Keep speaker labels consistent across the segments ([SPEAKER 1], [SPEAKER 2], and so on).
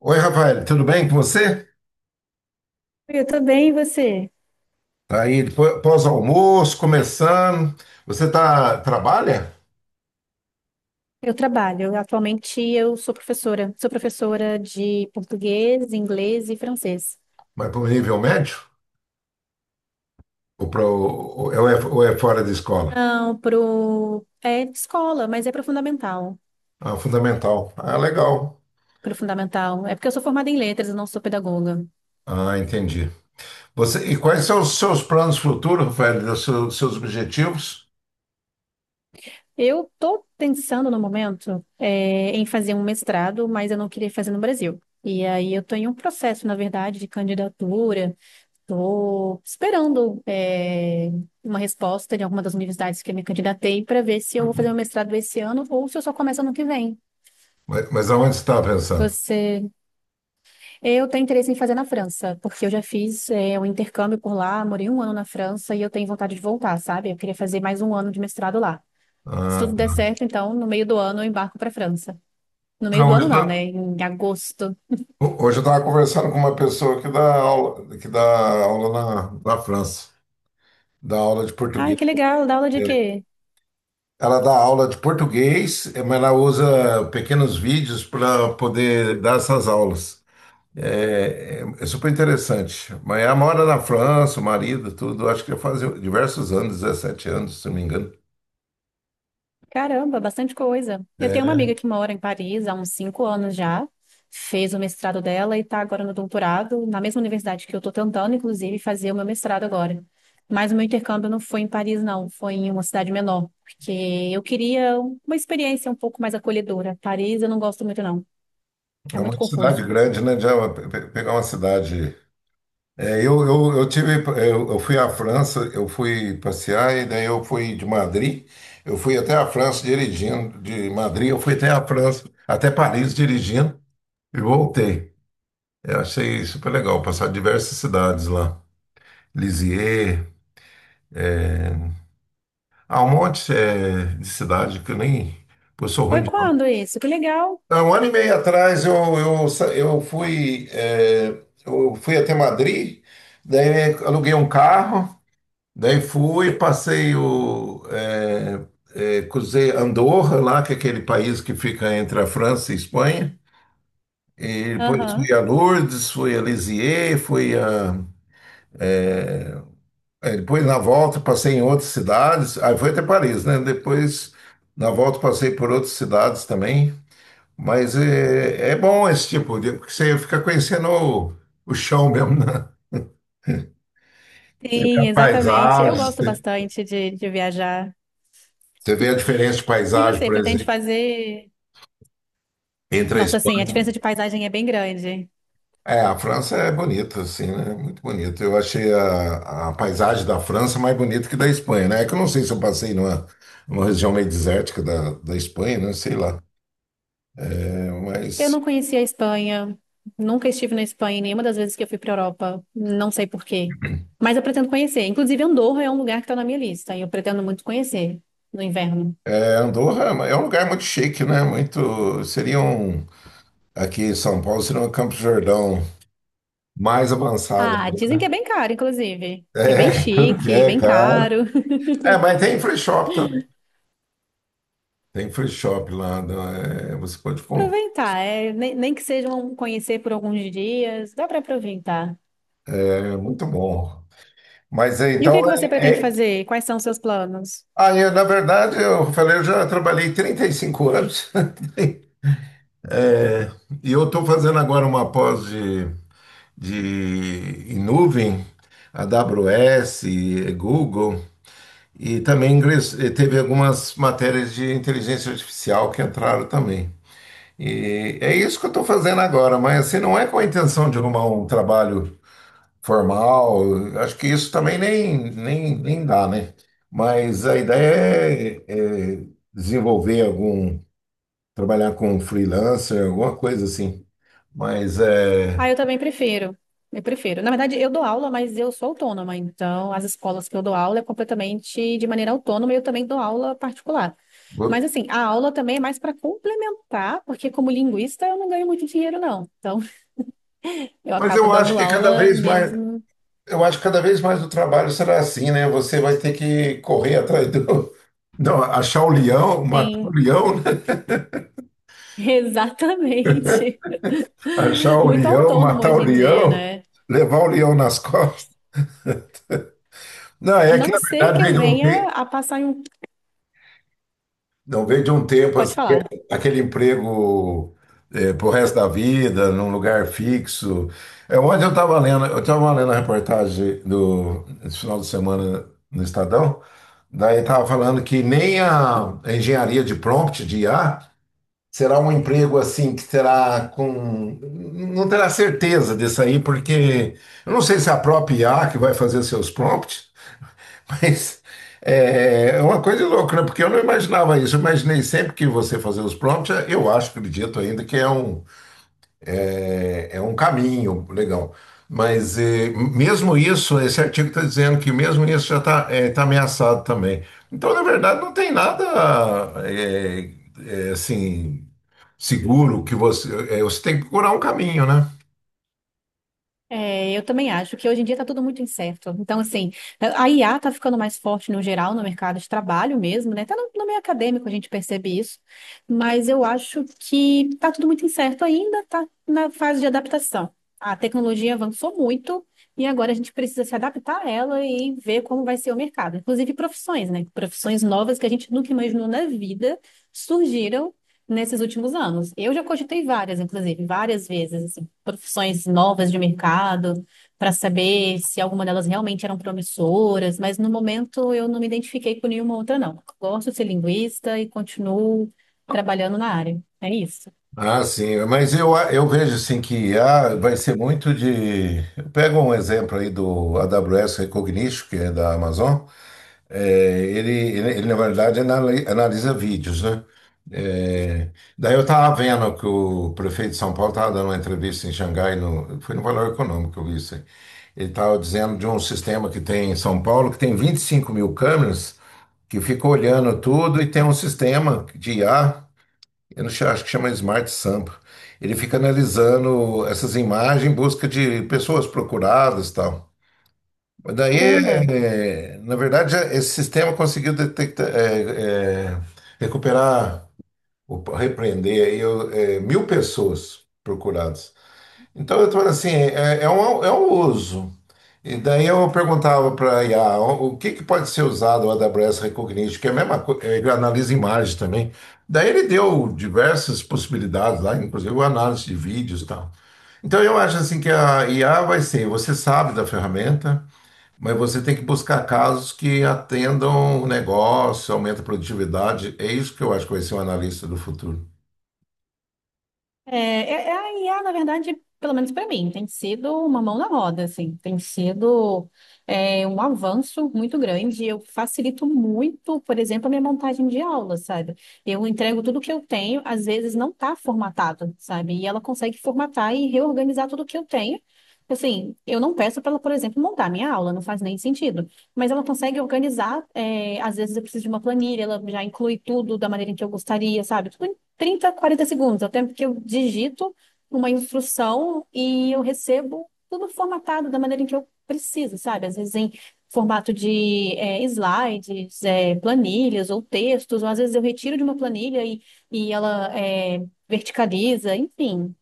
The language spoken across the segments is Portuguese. [SPEAKER 1] Oi, Rafael, tudo bem com você?
[SPEAKER 2] Eu também, e você?
[SPEAKER 1] Tá aí, pós-almoço, começando. Você tá, trabalha?
[SPEAKER 2] Eu trabalho. Atualmente eu sou professora. Sou professora de português, inglês e francês.
[SPEAKER 1] Mas para o nível médio? Ou, pra, ou é fora da escola?
[SPEAKER 2] Não, é escola, mas é pro fundamental.
[SPEAKER 1] Ah, fundamental. Ah, legal.
[SPEAKER 2] Pro fundamental. É porque eu sou formada em letras, eu não sou pedagoga.
[SPEAKER 1] Ah, entendi. E quais são os seus planos futuros, Rafael, os seus objetivos?
[SPEAKER 2] Eu tô pensando no momento em fazer um mestrado, mas eu não queria fazer no Brasil. E aí eu tô em um processo, na verdade, de candidatura. Estou esperando uma resposta de alguma das universidades que eu me candidatei para ver se eu vou fazer meu mestrado esse ano ou se eu só começo ano que vem.
[SPEAKER 1] Mas aonde você está pensando?
[SPEAKER 2] Você, eu tenho interesse em fazer na França, porque eu já fiz um intercâmbio por lá, morei um ano na França e eu tenho vontade de voltar, sabe? Eu queria fazer mais um ano de mestrado lá. Se
[SPEAKER 1] Ah,
[SPEAKER 2] tudo der certo, então no meio do ano eu embarco para a França. No meio
[SPEAKER 1] não,
[SPEAKER 2] do
[SPEAKER 1] hoje,
[SPEAKER 2] ano não, né?
[SPEAKER 1] eu
[SPEAKER 2] Em agosto.
[SPEAKER 1] hoje eu estava conversando com uma pessoa que dá aula na França, dá aula de
[SPEAKER 2] Ai,
[SPEAKER 1] português.
[SPEAKER 2] que legal! Dá aula de
[SPEAKER 1] É,
[SPEAKER 2] quê?
[SPEAKER 1] Ela dá aula de português, mas ela usa pequenos vídeos para poder dar essas aulas. É super interessante. Mas ela mora na França, o marido, tudo. Acho que já faz diversos anos, 17 anos, se não me engano.
[SPEAKER 2] Caramba, bastante coisa. Eu tenho uma
[SPEAKER 1] É,
[SPEAKER 2] amiga que mora em Paris há uns 5 anos já, fez o mestrado dela e está agora no doutorado, na mesma universidade que eu estou tentando, inclusive, fazer o meu mestrado agora. Mas o meu intercâmbio não foi em Paris, não, foi em uma cidade menor, porque eu queria uma experiência um pouco mais acolhedora. Paris eu não gosto muito, não. É
[SPEAKER 1] é
[SPEAKER 2] muito
[SPEAKER 1] uma cidade
[SPEAKER 2] confuso.
[SPEAKER 1] grande, né? Já pegar uma cidade. É, eu, eu, eu tive, eu fui à França, eu fui passear e daí eu fui de Madrid, eu fui até a França dirigindo, de Madrid eu fui até a França, até Paris dirigindo e voltei. Eu achei super legal passar diversas cidades lá. Lisieux, há um monte de cidade que eu nem. Pô, eu sou ruim
[SPEAKER 2] Foi
[SPEAKER 1] de nome.
[SPEAKER 2] quando isso? Que legal.
[SPEAKER 1] Há um ano e meio atrás eu, sa- eu fui, eh, eu fui até Madrid, daí aluguei um carro, daí fui, passei o. eh, eh, cruzei Andorra lá, que é aquele país que fica entre a França e a Espanha. E depois
[SPEAKER 2] Aham.
[SPEAKER 1] fui a Lourdes, fui a Lisieux, fui a aí depois, na volta, passei em outras cidades. Aí foi até Paris, né? Depois, na volta, passei por outras cidades também. Mas é bom esse tipo de... Porque você fica conhecendo o chão mesmo, né? Você vê a
[SPEAKER 2] Sim, exatamente. Eu
[SPEAKER 1] paisagem,
[SPEAKER 2] gosto
[SPEAKER 1] você
[SPEAKER 2] bastante de viajar.
[SPEAKER 1] você vê a diferença de
[SPEAKER 2] E
[SPEAKER 1] paisagem,
[SPEAKER 2] você,
[SPEAKER 1] por
[SPEAKER 2] pretende
[SPEAKER 1] exemplo,
[SPEAKER 2] fazer?
[SPEAKER 1] entre a
[SPEAKER 2] Nossa, sim, a
[SPEAKER 1] Espanha.
[SPEAKER 2] diferença de paisagem é bem grande.
[SPEAKER 1] É, a França é bonita, assim, né? Muito bonita. Eu achei a paisagem da França mais bonita que da Espanha, né? É que eu não sei se eu passei numa região meio desértica da Espanha, né? Sei lá. É,
[SPEAKER 2] Eu
[SPEAKER 1] mas...
[SPEAKER 2] não conhecia a Espanha, nunca estive na Espanha em nenhuma das vezes que eu fui para Europa, não sei por quê. Mas eu pretendo conhecer. Inclusive, Andorra é um lugar que está na minha lista e eu pretendo muito conhecer no inverno.
[SPEAKER 1] É, Andorra é um lugar muito chique, né? Muito. Seria um. Aqui em São Paulo seria um Campos do Jordão mais avançado,
[SPEAKER 2] Ah, dizem que
[SPEAKER 1] né?
[SPEAKER 2] é bem caro, inclusive, que é bem chique,
[SPEAKER 1] É, é,
[SPEAKER 2] bem
[SPEAKER 1] claro.
[SPEAKER 2] caro.
[SPEAKER 1] É, mas tem free shop também. Tem free shop lá, né? É, você pode comprar.
[SPEAKER 2] Aproveitar, nem que sejam conhecer por alguns dias, dá para aproveitar.
[SPEAKER 1] É muito bom. Mas é,
[SPEAKER 2] E o que
[SPEAKER 1] então.
[SPEAKER 2] é que você pretende
[SPEAKER 1] É...
[SPEAKER 2] fazer? Quais são os seus planos?
[SPEAKER 1] Ah, eu, na verdade, eu falei, eu já trabalhei 35 anos. É, e eu estou fazendo agora uma pós de em nuvem, AWS, Google. E também teve algumas matérias de inteligência artificial que entraram também. E é isso que eu estou fazendo agora, mas assim, não é com a intenção de arrumar um trabalho formal, acho que isso também nem dá, né? Mas a ideia é desenvolver algum, trabalhar com um freelancer, alguma coisa assim. Mas, é,
[SPEAKER 2] Ah, eu também prefiro. Eu prefiro. Na verdade, eu dou aula, mas eu sou autônoma. Então, as escolas que eu dou aula é completamente de maneira autônoma e eu também dou aula particular. Mas,
[SPEAKER 1] vou-
[SPEAKER 2] assim, a aula também é mais para complementar, porque como linguista eu não ganho muito dinheiro, não. Então, eu
[SPEAKER 1] mas
[SPEAKER 2] acabo
[SPEAKER 1] eu acho
[SPEAKER 2] dando
[SPEAKER 1] que cada
[SPEAKER 2] aula
[SPEAKER 1] vez mais.
[SPEAKER 2] mesmo.
[SPEAKER 1] Eu acho que cada vez mais o trabalho será assim, né? Você vai ter que correr atrás do. Não, achar o leão, matar o
[SPEAKER 2] Sim,
[SPEAKER 1] leão, né?
[SPEAKER 2] exatamente.
[SPEAKER 1] Achar o
[SPEAKER 2] Muito
[SPEAKER 1] leão,
[SPEAKER 2] autônomo
[SPEAKER 1] matar o
[SPEAKER 2] hoje em dia,
[SPEAKER 1] leão,
[SPEAKER 2] né?
[SPEAKER 1] levar o leão nas costas. Não,
[SPEAKER 2] A
[SPEAKER 1] é que
[SPEAKER 2] não
[SPEAKER 1] na
[SPEAKER 2] ser
[SPEAKER 1] verdade
[SPEAKER 2] que
[SPEAKER 1] veio
[SPEAKER 2] eu
[SPEAKER 1] de um tempo,
[SPEAKER 2] venha a passar em um.
[SPEAKER 1] não, veio de um tempo
[SPEAKER 2] Pode
[SPEAKER 1] assim,
[SPEAKER 2] falar.
[SPEAKER 1] aquele emprego é, pro resto da vida, num lugar fixo. É, ontem eu estava lendo, a reportagem do esse final de semana no Estadão, daí estava falando que nem a engenharia de prompt de IA. Será um emprego assim que terá com. Não terá certeza disso aí, porque eu não sei se é a própria I A que vai fazer seus prompts, mas é uma coisa louca, né? Porque eu não imaginava isso. Eu imaginei sempre que você fazer os prompts, eu acho, acredito ainda, que é um, é um caminho legal. Mas mesmo isso, esse artigo está dizendo que mesmo isso já está ameaçado também. Então, na verdade, não tem nada eh, assim seguro que você. Você tem que procurar um caminho, né?
[SPEAKER 2] É, eu também acho que hoje em dia está tudo muito incerto. Então, assim, a IA está ficando mais forte no geral, no mercado de trabalho mesmo, né? Até no meio acadêmico a gente percebe isso, mas eu acho que está tudo muito incerto ainda, está na fase de adaptação. A tecnologia avançou muito e agora a gente precisa se adaptar a ela e ver como vai ser o mercado. Inclusive profissões, né? Profissões novas que a gente nunca imaginou na vida surgiram nesses últimos anos. Eu já cogitei várias, inclusive, várias vezes profissões novas de mercado, para saber se alguma delas realmente eram promissoras, mas no momento eu não me identifiquei com nenhuma outra, não. Gosto de ser linguista e continuo trabalhando na área. É isso.
[SPEAKER 1] Ah, sim, mas eu vejo assim que vai ser muito de. Pega um exemplo aí do AWS Recognition, que é da Amazon. É, ele, na verdade, analisa vídeos, né? É, daí eu estava vendo que o prefeito de São Paulo estava dando uma entrevista em Xangai, foi no Valor Econômico que eu vi isso aí. Ele estava dizendo de um sistema que tem em São Paulo, que tem 25.000 câmeras, que fica olhando tudo e tem um sistema de IA, eu não sei, acho que chama Smart Sampa. Ele fica analisando essas imagens em busca de pessoas procuradas e tal. Mas daí,
[SPEAKER 2] Caramba!
[SPEAKER 1] na verdade, esse sistema conseguiu detectar, recuperar, opa, repreender aí, 1.000 pessoas procuradas. Então, eu estou assim, é um uso. E daí eu perguntava para a IA, o que pode ser usado o AWS Recognition, que é a mesma coisa, ele analisa imagem também. Daí ele deu diversas possibilidades lá, inclusive análise de vídeos e tal. Então, eu acho assim que a IA vai ser, você sabe da ferramenta, mas você tem que buscar casos que atendam o negócio, aumenta a produtividade. É isso que eu acho que vai ser um analista do futuro.
[SPEAKER 2] É a IA, na verdade, pelo menos para mim, tem sido uma mão na roda, assim, tem sido um avanço muito grande. Eu facilito muito, por exemplo, a minha montagem de aula, sabe? Eu entrego tudo que eu tenho, às vezes não está formatado, sabe? E ela consegue formatar e reorganizar tudo que eu tenho. Assim, eu não peço para ela, por exemplo, montar minha aula, não faz nem sentido. Mas ela consegue organizar, às vezes eu preciso de uma planilha, ela já inclui tudo da maneira em que eu gostaria, sabe? Tudo 30, 40 segundos, é o tempo que eu digito uma instrução e eu recebo tudo formatado da maneira em que eu preciso, sabe? Às vezes em formato de slides, planilhas ou textos, ou às vezes eu retiro de uma planilha e ela verticaliza, enfim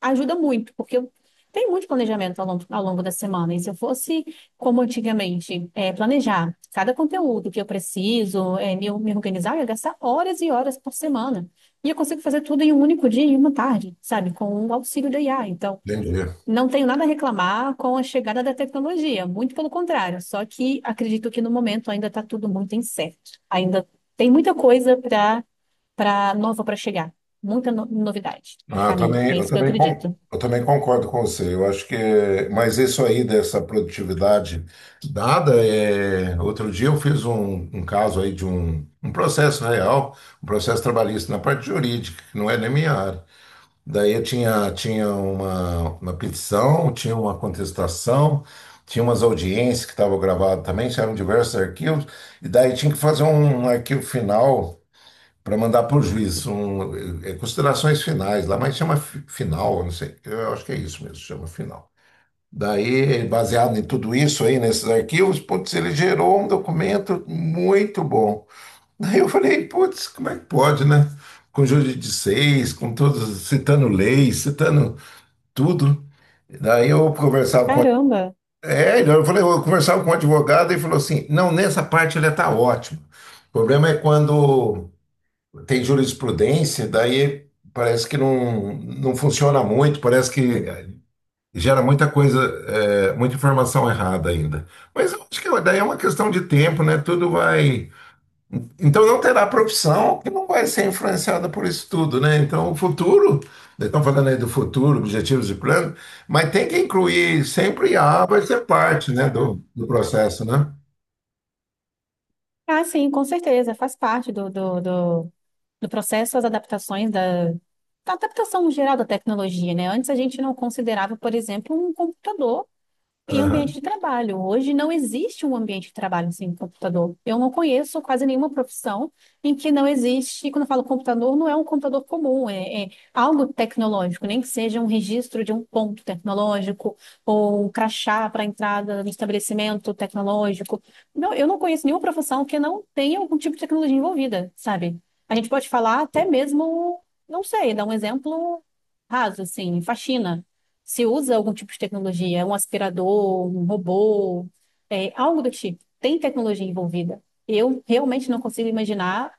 [SPEAKER 2] ajuda muito, porque eu tenho muito planejamento ao longo da semana. E se eu fosse, como antigamente, planejar cada conteúdo que eu preciso, me organizar, eu ia gastar horas e horas por semana. E eu consigo fazer tudo em um único dia, em uma tarde, sabe? Com o auxílio da IA. Então,
[SPEAKER 1] Entendi.
[SPEAKER 2] não tenho nada a reclamar com a chegada da tecnologia, muito pelo contrário. Só que acredito que no momento ainda está tudo muito incerto. Ainda tem muita coisa para nova para chegar, muita novidade no
[SPEAKER 1] Ah, eu
[SPEAKER 2] caminho.
[SPEAKER 1] também,
[SPEAKER 2] É
[SPEAKER 1] eu
[SPEAKER 2] isso que eu
[SPEAKER 1] também,
[SPEAKER 2] acredito.
[SPEAKER 1] con- eu também concordo com você. Eu acho que, mas isso aí dessa produtividade dada, outro dia eu fiz um caso aí de um processo real, um processo trabalhista na parte jurídica, que não é nem minha área. Daí eu tinha uma petição, tinha uma contestação, tinha umas audiências que estavam gravadas também, eram diversos arquivos, e daí tinha que fazer um arquivo final para mandar para o juiz, considerações finais lá, mas chama final, eu não sei, eu acho que é isso mesmo, chama final. Daí, baseado em tudo isso aí, nesses arquivos, putz, ele gerou um documento muito bom. Aí eu falei, putz, como é que pode, né? Com júri de seis, com todos, citando leis, citando tudo. Daí eu conversava com.
[SPEAKER 2] Caramba!
[SPEAKER 1] É, então eu falei, eu conversava com o advogado e falou assim: não, nessa parte ele está ótimo. O problema é quando tem jurisprudência, daí parece que não, não funciona muito, parece que gera muita coisa, muita informação errada ainda. Mas eu acho que daí é uma questão de tempo, né? Tudo vai. Então não terá profissão que não vai ser influenciada por isso tudo, né? Então o futuro, né, estão falando aí do futuro, objetivos e plano, mas tem que incluir sempre a IA vai ser parte, né, do processo, né?
[SPEAKER 2] Ah, sim, com certeza. Faz parte do processo as adaptações da adaptação geral da tecnologia, né? Antes a gente não considerava, por exemplo, um computador. Em ambiente
[SPEAKER 1] Aham.
[SPEAKER 2] de trabalho. Hoje não existe um ambiente de trabalho sem um computador. Eu não conheço quase nenhuma profissão em que não existe, quando eu falo computador, não é um computador comum, é algo tecnológico, nem que seja um registro de um ponto tecnológico ou um crachá para entrada no estabelecimento tecnológico. Não, eu não conheço nenhuma profissão que não tenha algum tipo de tecnologia envolvida, sabe? A gente pode falar até mesmo, não sei, dar um exemplo raso, assim, faxina. Se usa algum tipo de tecnologia, um aspirador, um robô, algo do tipo. Tem tecnologia envolvida. Eu realmente não consigo imaginar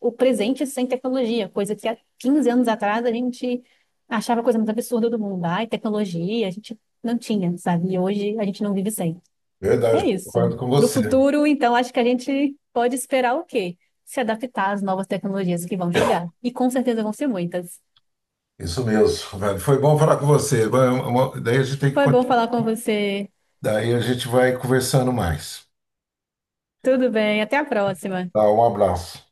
[SPEAKER 2] o presente sem tecnologia, coisa que há 15 anos atrás a gente achava a coisa mais absurda do mundo. Ai, tecnologia, a gente não tinha, sabe? E hoje a gente não vive sem. É
[SPEAKER 1] Verdade,
[SPEAKER 2] isso.
[SPEAKER 1] concordo com
[SPEAKER 2] Para o
[SPEAKER 1] você.
[SPEAKER 2] futuro, então, acho que a gente pode esperar o quê? Se adaptar às novas tecnologias que vão chegar. E com certeza vão ser muitas.
[SPEAKER 1] Isso mesmo, velho. Foi bom falar com você. Vai, daí a gente tem que
[SPEAKER 2] Foi bom
[SPEAKER 1] continuar.
[SPEAKER 2] falar com você.
[SPEAKER 1] Daí a gente vai conversando mais.
[SPEAKER 2] Tudo bem, até a próxima.
[SPEAKER 1] Tá, um abraço.